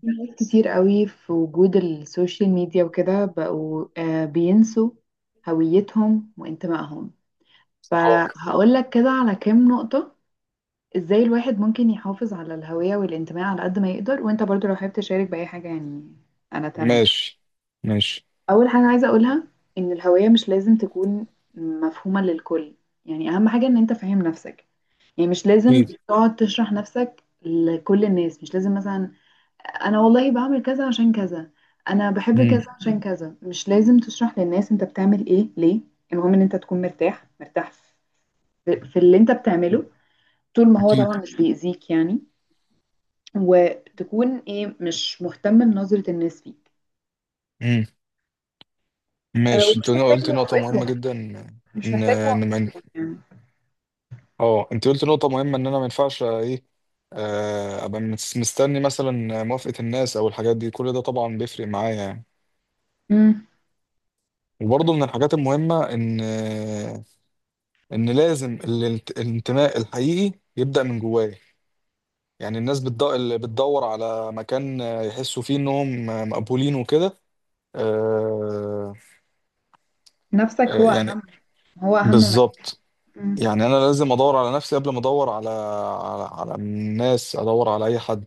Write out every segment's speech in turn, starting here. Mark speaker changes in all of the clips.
Speaker 1: في ناس كتير قوي في وجود السوشيال ميديا وكده بقوا بينسوا هويتهم وانتمائهم.
Speaker 2: اه،
Speaker 1: فهقول لك كده على كام نقطة. ازاي الواحد ممكن يحافظ على الهوية والانتماء على قد ما يقدر، وانت برضو لو حابب تشارك بأي حاجة يعني. انا تمام.
Speaker 2: ماشي. ماشي.
Speaker 1: اول حاجة عايزة اقولها ان الهوية مش لازم تكون مفهومة للكل. يعني اهم حاجة ان انت فاهم نفسك. يعني مش لازم
Speaker 2: اكيد.
Speaker 1: تقعد تشرح نفسك لكل الناس، مش لازم مثلا انا والله بعمل كذا عشان كذا، انا بحب
Speaker 2: امم
Speaker 1: كذا عشان كذا، مش لازم تشرح للناس انت بتعمل ايه ليه. المهم ان انت تكون مرتاح مرتاح في اللي انت بتعمله، طول ما هو
Speaker 2: اكيد.
Speaker 1: طبعا مش بيأذيك يعني. وتكون ايه مش مهتم بنظرة الناس فيك.
Speaker 2: امم
Speaker 1: أه،
Speaker 2: ماشي. انت
Speaker 1: ومش محتاج
Speaker 2: قلت نقطة مهمة
Speaker 1: موافقتهم،
Speaker 2: جدا ان
Speaker 1: مش محتاج
Speaker 2: ان
Speaker 1: موافقتهم يعني.
Speaker 2: اه، انت قلت نقطة مهمة ان انا ما ينفعش ايه، ابقى مستني مثلا موافقة الناس او الحاجات دي، كل ده طبعا بيفرق معايا يعني.
Speaker 1: امم.
Speaker 2: وبرضه من الحاجات المهمة ان الانتماء الحقيقي يبدأ من جوايا. يعني الناس بتدور اللي بتدور على مكان يحسوا فيه انهم مقبولين وكده. آه،
Speaker 1: نفسك هو
Speaker 2: يعني
Speaker 1: اهم، هو اهم مكان.
Speaker 2: بالظبط.
Speaker 1: امم.
Speaker 2: يعني انا لازم ادور على نفسي قبل ما ادور على على الناس، ادور على اي حد.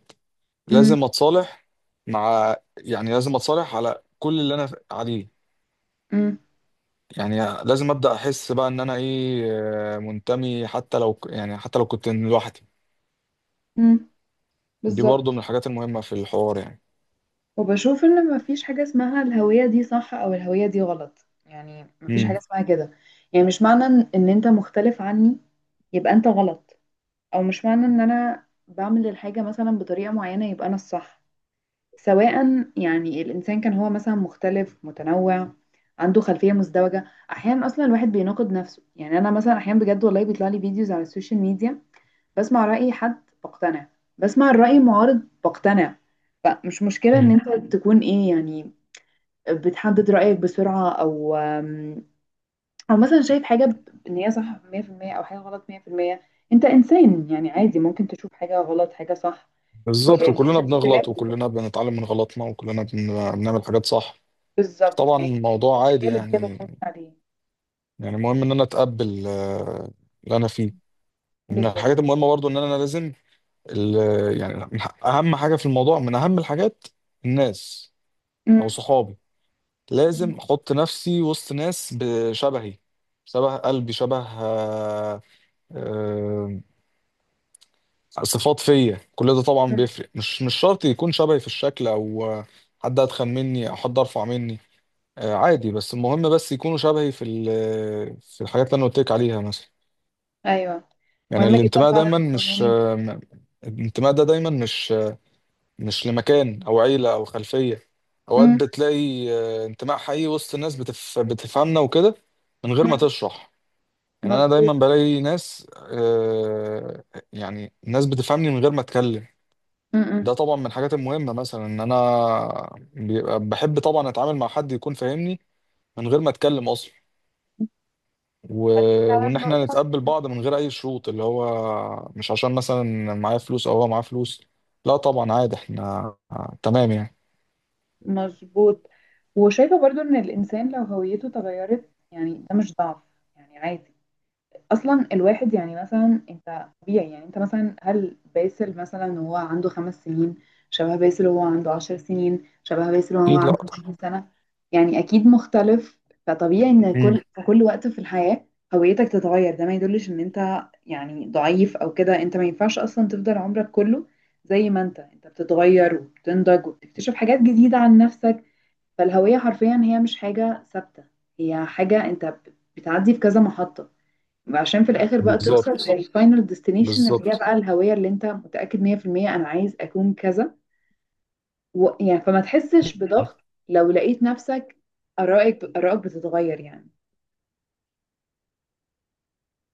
Speaker 1: امم.
Speaker 2: لازم اتصالح مع، يعني لازم اتصالح على كل اللي انا عليه.
Speaker 1: امم.
Speaker 2: يعني لازم ابدا احس بقى ان انا ايه، منتمي حتى لو يعني حتى لو كنت لوحدي.
Speaker 1: امم.
Speaker 2: دي برضو من
Speaker 1: بالظبط.
Speaker 2: الحاجات المهمة في الحوار يعني.
Speaker 1: وبشوف ان مفيش حاجة اسمها الهوية دي صح او الهوية دي غلط، يعني مفيش
Speaker 2: امم
Speaker 1: حاجة اسمها كده. يعني مش معنى ان انت مختلف عني يبقى انت غلط، او مش معنى ان انا بعمل الحاجة مثلا بطريقة معينة يبقى انا الصح. سواء يعني الانسان كان هو مثلا مختلف متنوع، عنده خلفية مزدوجة. احيانا اصلا الواحد بيناقض نفسه، يعني انا مثلا احيانا بجد والله بيطلع لي فيديوز على السوشيال ميديا، بسمع رأي حد بقتنع، بسمع الرأي المعارض بقتنع. فمش مشكلة ان
Speaker 2: مم.
Speaker 1: انت تكون ايه يعني، بتحدد رأيك بسرعة، او او مثلا شايف حاجة ان هي صح 100% او حاجة غلط 100%. انت انسان يعني عادي ممكن تشوف حاجة غلط حاجة صح.
Speaker 2: بالظبط. وكلنا
Speaker 1: والاختلاف
Speaker 2: بنغلط، وكلنا بنتعلم من غلطنا، وكلنا بنعمل حاجات صح.
Speaker 1: بالظبط
Speaker 2: طبعا
Speaker 1: يعني،
Speaker 2: الموضوع
Speaker 1: مش
Speaker 2: عادي
Speaker 1: قالب كده
Speaker 2: يعني.
Speaker 1: تمشي عليه.
Speaker 2: يعني المهم ان انا اتقبل، اللي انا فيه. من
Speaker 1: بالظبط.
Speaker 2: الحاجات المهمة برضو ان انا لازم، يعني من اهم حاجة في الموضوع، من اهم الحاجات الناس او
Speaker 1: مم.
Speaker 2: صحابي.
Speaker 1: مم.
Speaker 2: لازم احط نفسي وسط ناس بشبهي، شبه قلبي، شبه آه، آه، صفات فيا. كل ده طبعا
Speaker 1: مم.
Speaker 2: بيفرق. مش شرط يكون شبهي في الشكل، او حد اتخن مني او حد ارفع مني، عادي. بس المهم بس يكونوا شبهي في في الحاجات اللي انا قلت لك عليها مثلا.
Speaker 1: ايوه،
Speaker 2: يعني
Speaker 1: مهم جدا
Speaker 2: الانتماء
Speaker 1: فعلا
Speaker 2: دايما مش
Speaker 1: الكوميونيتي.
Speaker 2: الانتماء ده دايما مش مش لمكان او عيله او خلفيه. اوقات بتلاقي انتماء حقيقي وسط الناس بتفهمنا وكده، من غير ما تشرح. يعني انا
Speaker 1: مظبوط.
Speaker 2: دايما بلاقي ناس، يعني ناس بتفهمني من غير ما اتكلم.
Speaker 1: مم. مم.
Speaker 2: ده طبعا من الحاجات المهمه. مثلا ان انا بيبقى بحب طبعا اتعامل مع حد يكون فاهمني من غير ما اتكلم اصلا. و...
Speaker 1: هذه فعلا
Speaker 2: وان احنا
Speaker 1: نقطة.
Speaker 2: نتقبل بعض من غير اي شروط، اللي هو مش عشان مثلا معايا فلوس او هو معاه فلوس، لا طبعا عادي، احنا تمام يعني.
Speaker 1: مظبوط. وشايفة برضو ان الانسان لو هويته اتغيرت يعني ده مش ضعف، يعني عادي. اصلا الواحد يعني مثلا انت طبيعي، يعني انت مثلا هل باسل مثلا وهو عنده خمس سنين، شبه باسل وهو عنده عشر سنين، شبه باسل وهو
Speaker 2: اكيد، لا
Speaker 1: عنده
Speaker 2: طبعا.
Speaker 1: عشرين سنة؟ يعني اكيد مختلف. فطبيعي ان في كل وقت في الحياة هويتك تتغير، ده ما يدلش ان انت يعني ضعيف او كده، انت ما ينفعش اصلا تفضل عمرك كله زي ما انت بتتغير وبتنضج وبتكتشف حاجات جديدة عن نفسك. فالهوية حرفيا هي مش حاجة ثابتة، هي حاجة انت بتعدي في كذا محطة، وعشان في الاخر بقى توصل
Speaker 2: بالظبط.
Speaker 1: للفاينل ديستنيشن اللي هي
Speaker 2: بالظبط.
Speaker 1: بقى الهوية اللي انت متأكد 100% انا عايز اكون كذا. و، يعني، فما تحسش بضغط لو لقيت نفسك ارائك بتتغير يعني،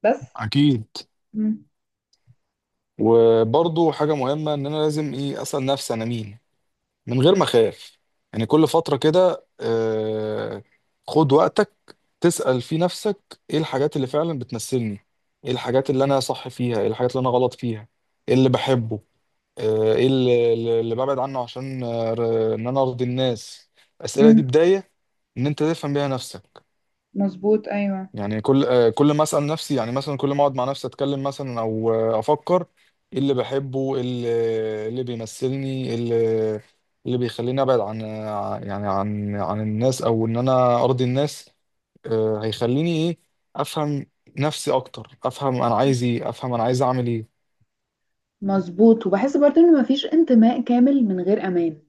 Speaker 1: بس.
Speaker 2: اكيد.
Speaker 1: مم.
Speaker 2: وبرضو حاجه مهمه ان انا لازم ايه، اسال نفسي انا مين، من غير
Speaker 1: مم.
Speaker 2: ما اخاف. يعني كل فتره كده خد وقتك تسال في نفسك ايه الحاجات اللي فعلا بتمثلني، ايه الحاجات اللي انا صح فيها، ايه الحاجات اللي انا غلط فيها، ايه اللي بحبه، ايه اللي ببعد عنه عشان، ان انا ارضي الناس. الاسئله دي
Speaker 1: مم.
Speaker 2: بدايه ان انت تفهم بيها نفسك.
Speaker 1: مظبوط، ايوه.
Speaker 2: يعني كل كل ما اسال نفسي، يعني مثلا كل ما اقعد مع نفسي اتكلم مثلا، او افكر ايه اللي بحبه، ايه اللي، إيه اللي بيمثلني، إيه اللي، إيه اللي بيخليني ابعد عن يعني عن الناس، او ان انا ارضي الناس، هيخليني ايه، افهم نفسي اكتر، افهم انا عايز ايه، افهم انا عايز اعمل ايه.
Speaker 1: مظبوط. وبحس برضه ان مفيش انتماء كامل من غير امان.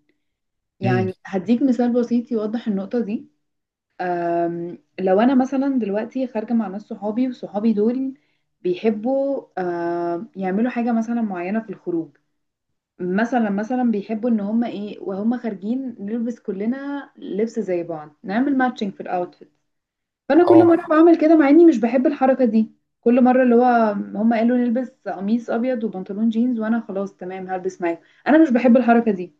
Speaker 2: امم
Speaker 1: يعني هديك مثال بسيط يوضح النقطة دي. لو انا مثلا دلوقتي خارجه مع ناس صحابي وصحابي دول بيحبوا يعملوا حاجه مثلا معينه في الخروج، مثلا بيحبوا ان هم ايه وهم خارجين نلبس كلنا لبس زي بعض، نعمل ماتشنج في الاوتفيت. فانا كل
Speaker 2: اه.
Speaker 1: مره بعمل كده مع اني مش بحب الحركه دي، كل مره اللي هو هم قالوا نلبس قميص ابيض وبنطلون جينز، وانا خلاص تمام هلبس معاك. انا مش بحب الحركه دي،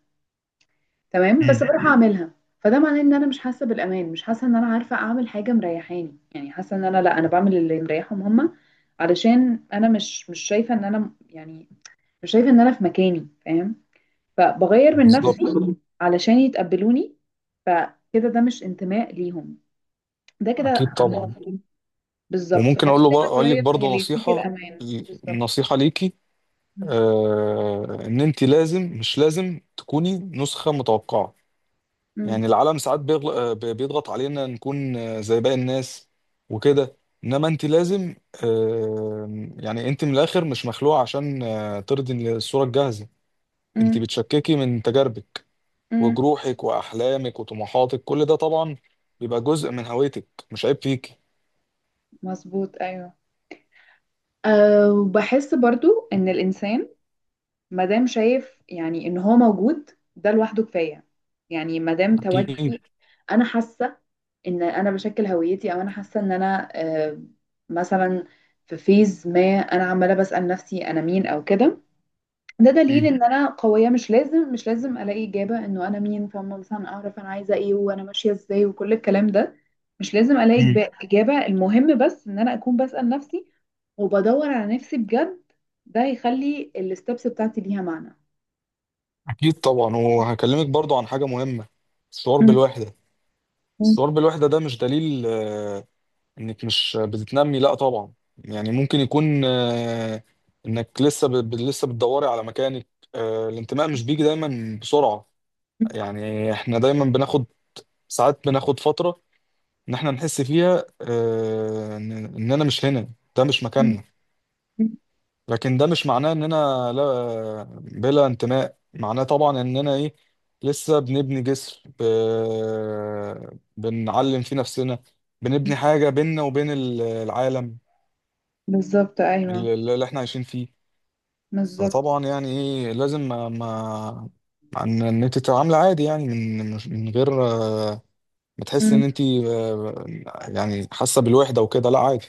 Speaker 1: تمام، بس
Speaker 2: امم
Speaker 1: بروح اعملها. فده معناه ان انا مش حاسه بالامان، مش حاسه ان انا عارفه اعمل حاجه مريحاني، يعني حاسه ان انا لا، انا بعمل اللي مريحهم هما. علشان انا مش شايفه ان انا يعني، مش شايفه ان انا في مكاني، فاهم. فبغير من
Speaker 2: بالظبط.
Speaker 1: نفسي علشان يتقبلوني. فكده ده مش انتماء ليهم، ده كده.
Speaker 2: اكيد طبعا.
Speaker 1: بالظبط.
Speaker 2: وممكن
Speaker 1: فالكتاب
Speaker 2: اقول لك
Speaker 1: قريب من
Speaker 2: برضه
Speaker 1: اللي يديك
Speaker 2: نصيحه،
Speaker 1: الامان بالظبط.
Speaker 2: نصيحه ليكي. آه ان انت مش لازم تكوني نسخة متوقعة.
Speaker 1: مم.
Speaker 2: يعني العالم ساعات بيضغط علينا نكون، زي باقي الناس وكده. انما انت لازم، آه يعني انت من الاخر مش مخلوقة عشان، ترضي الصورة الجاهزة. انت
Speaker 1: مم.
Speaker 2: بتشككي من تجاربك
Speaker 1: مم.
Speaker 2: وجروحك واحلامك وطموحاتك. كل ده طبعا بيبقى جزء من هويتك، مش عيب فيكي.
Speaker 1: مظبوط، ايوه. أه، وبحس برضو ان الانسان ما دام شايف يعني ان هو موجود، ده لوحده كفايه. يعني ما دام
Speaker 2: أكيد.
Speaker 1: تواجدي، انا حاسه ان انا بشكل هويتي، او انا حاسه ان انا مثلا في فيز ما انا عماله بسال نفسي انا مين او كده، ده دليل ان انا قويه. مش لازم الاقي اجابه انه انا مين، فاهمه، مثلا اعرف انا عايزه ايه وانا ماشيه ازاي وكل الكلام ده. مش لازم الاقي
Speaker 2: أكيد.
Speaker 1: اجابه، المهم بس ان انا اكون بسال نفسي وبدور على نفسي بجد. ده هيخلي الستبس بتاعتي ليها معنى.
Speaker 2: أكيد طبعا. وهكلمك برضو عن حاجة مهمة: الشعور
Speaker 1: مم.
Speaker 2: بالوحدة.
Speaker 1: مم.
Speaker 2: الشعور بالوحدة ده مش دليل إنك مش بتتنمي، لأ طبعا. يعني ممكن يكون إنك لسه لسه بتدوري على مكانك. الانتماء مش بيجي دايما بسرعة. يعني إحنا دايما بناخد، ساعات بناخد فترة إن إحنا نحس فيها إن إننا مش هنا، ده مش
Speaker 1: مم.
Speaker 2: مكاننا.
Speaker 1: مم.
Speaker 2: لكن ده مش معناه اننا لا بلا انتماء. معناه طبعا اننا ايه، لسه بنبني جسر بنعلم فيه نفسنا، بنبني حاجة بيننا وبين العالم
Speaker 1: بالظبط، ايوه.
Speaker 2: اللي احنا عايشين فيه.
Speaker 1: بالظبط.
Speaker 2: فطبعا يعني ايه لازم ما ما ان إن انت تتعامل عادي، يعني من غير ما تحس ان انت يعني حاسه بالوحده وكده، لا عادي.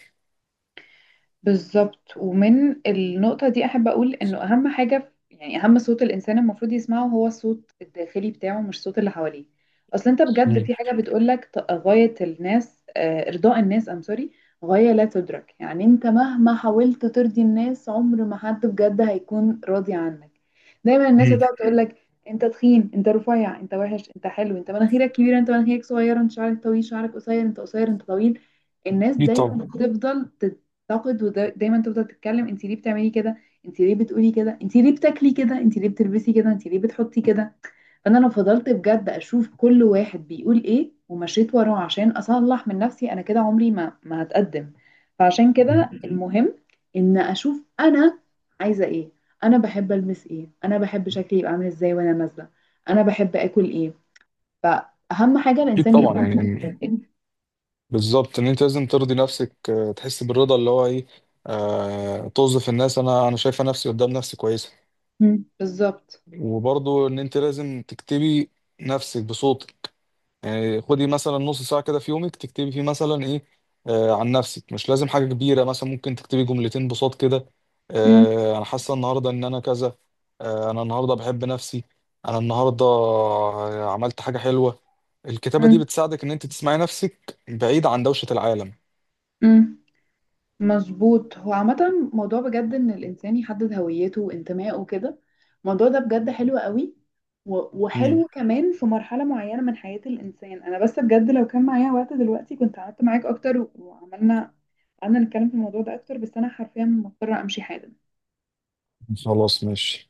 Speaker 1: بالظبط. ومن النقطة دي أحب أقول إنه أهم حاجة، يعني أهم صوت الإنسان المفروض يسمعه هو الصوت الداخلي بتاعه مش الصوت اللي حواليه. أصل أنت بجد
Speaker 2: مم.
Speaker 1: في حاجة بتقولك غاية الناس، إرضاء الناس، سوري، غاية لا تدرك. يعني أنت مهما حاولت ترضي الناس، عمر ما حد بجد هيكون راضي عنك. دايما الناس
Speaker 2: مم.
Speaker 1: هتقعد تقولك: أنت تخين، أنت رفيع، أنت وحش، أنت حلو، أنت مناخيرك كبيرة، أنت مناخيرك صغيرة، أنت شعرك طويل، شعرك قصير، أنت قصير، أنت طويل. الناس
Speaker 2: اكيد
Speaker 1: دايما
Speaker 2: طبعا.
Speaker 1: بتفضل تنتقد، ودايما تفضل تتكلم: انت ليه بتعملي كده؟ انت ليه بتقولي كده؟ انت ليه بتاكلي كده؟ انت ليه بتلبسي كده؟ انت ليه بتحطي كده؟ فانا لو فضلت بجد اشوف كل واحد بيقول ايه ومشيت وراه عشان اصلح من نفسي انا كده، عمري ما هتقدم. فعشان
Speaker 2: مم.
Speaker 1: كده المهم ان اشوف انا عايزه ايه، انا بحب البس ايه، انا بحب شكلي يبقى عامل ازاي وانا نازله، انا بحب اكل ايه، فاهم، حاجه
Speaker 2: اكيد
Speaker 1: الانسان
Speaker 2: طبعا.
Speaker 1: يفهم.
Speaker 2: يعني بالظبط، ان انت لازم ترضي نفسك تحس بالرضا اللي هو ايه، آه توظف الناس، انا شايفه نفسي قدام نفسي كويسه.
Speaker 1: مم، بالظبط.
Speaker 2: وبرضو ان انت لازم تكتبي نفسك بصوتك. يعني خدي مثلا نص ساعه كده في يومك تكتبي فيه مثلا ايه، آه عن نفسك. مش لازم حاجه كبيره، مثلا ممكن تكتبي جملتين بصوت كده:
Speaker 1: مم.
Speaker 2: آه انا حاسه النهارده ان انا كذا، آه انا النهارده بحب نفسي، انا النهارده عملت حاجه حلوه. الكتابه دي
Speaker 1: مم.
Speaker 2: بتساعدك ان انت تسمعي نفسك بعيد عن دوشه العالم.
Speaker 1: مم. مظبوط. هو عامة موضوع بجد إن الإنسان يحدد هويته وانتمائه وكده، الموضوع ده بجد حلو قوي، و- وحلو كمان في مرحلة معينة من حياة الإنسان. أنا بس بجد لو كان معايا وقت دلوقتي كنت قعدت معاك أكتر و- وعملنا، قعدنا نتكلم في الموضوع ده أكتر، بس أنا حرفيا مضطرة أمشي حالا.
Speaker 2: خلاص ماشي.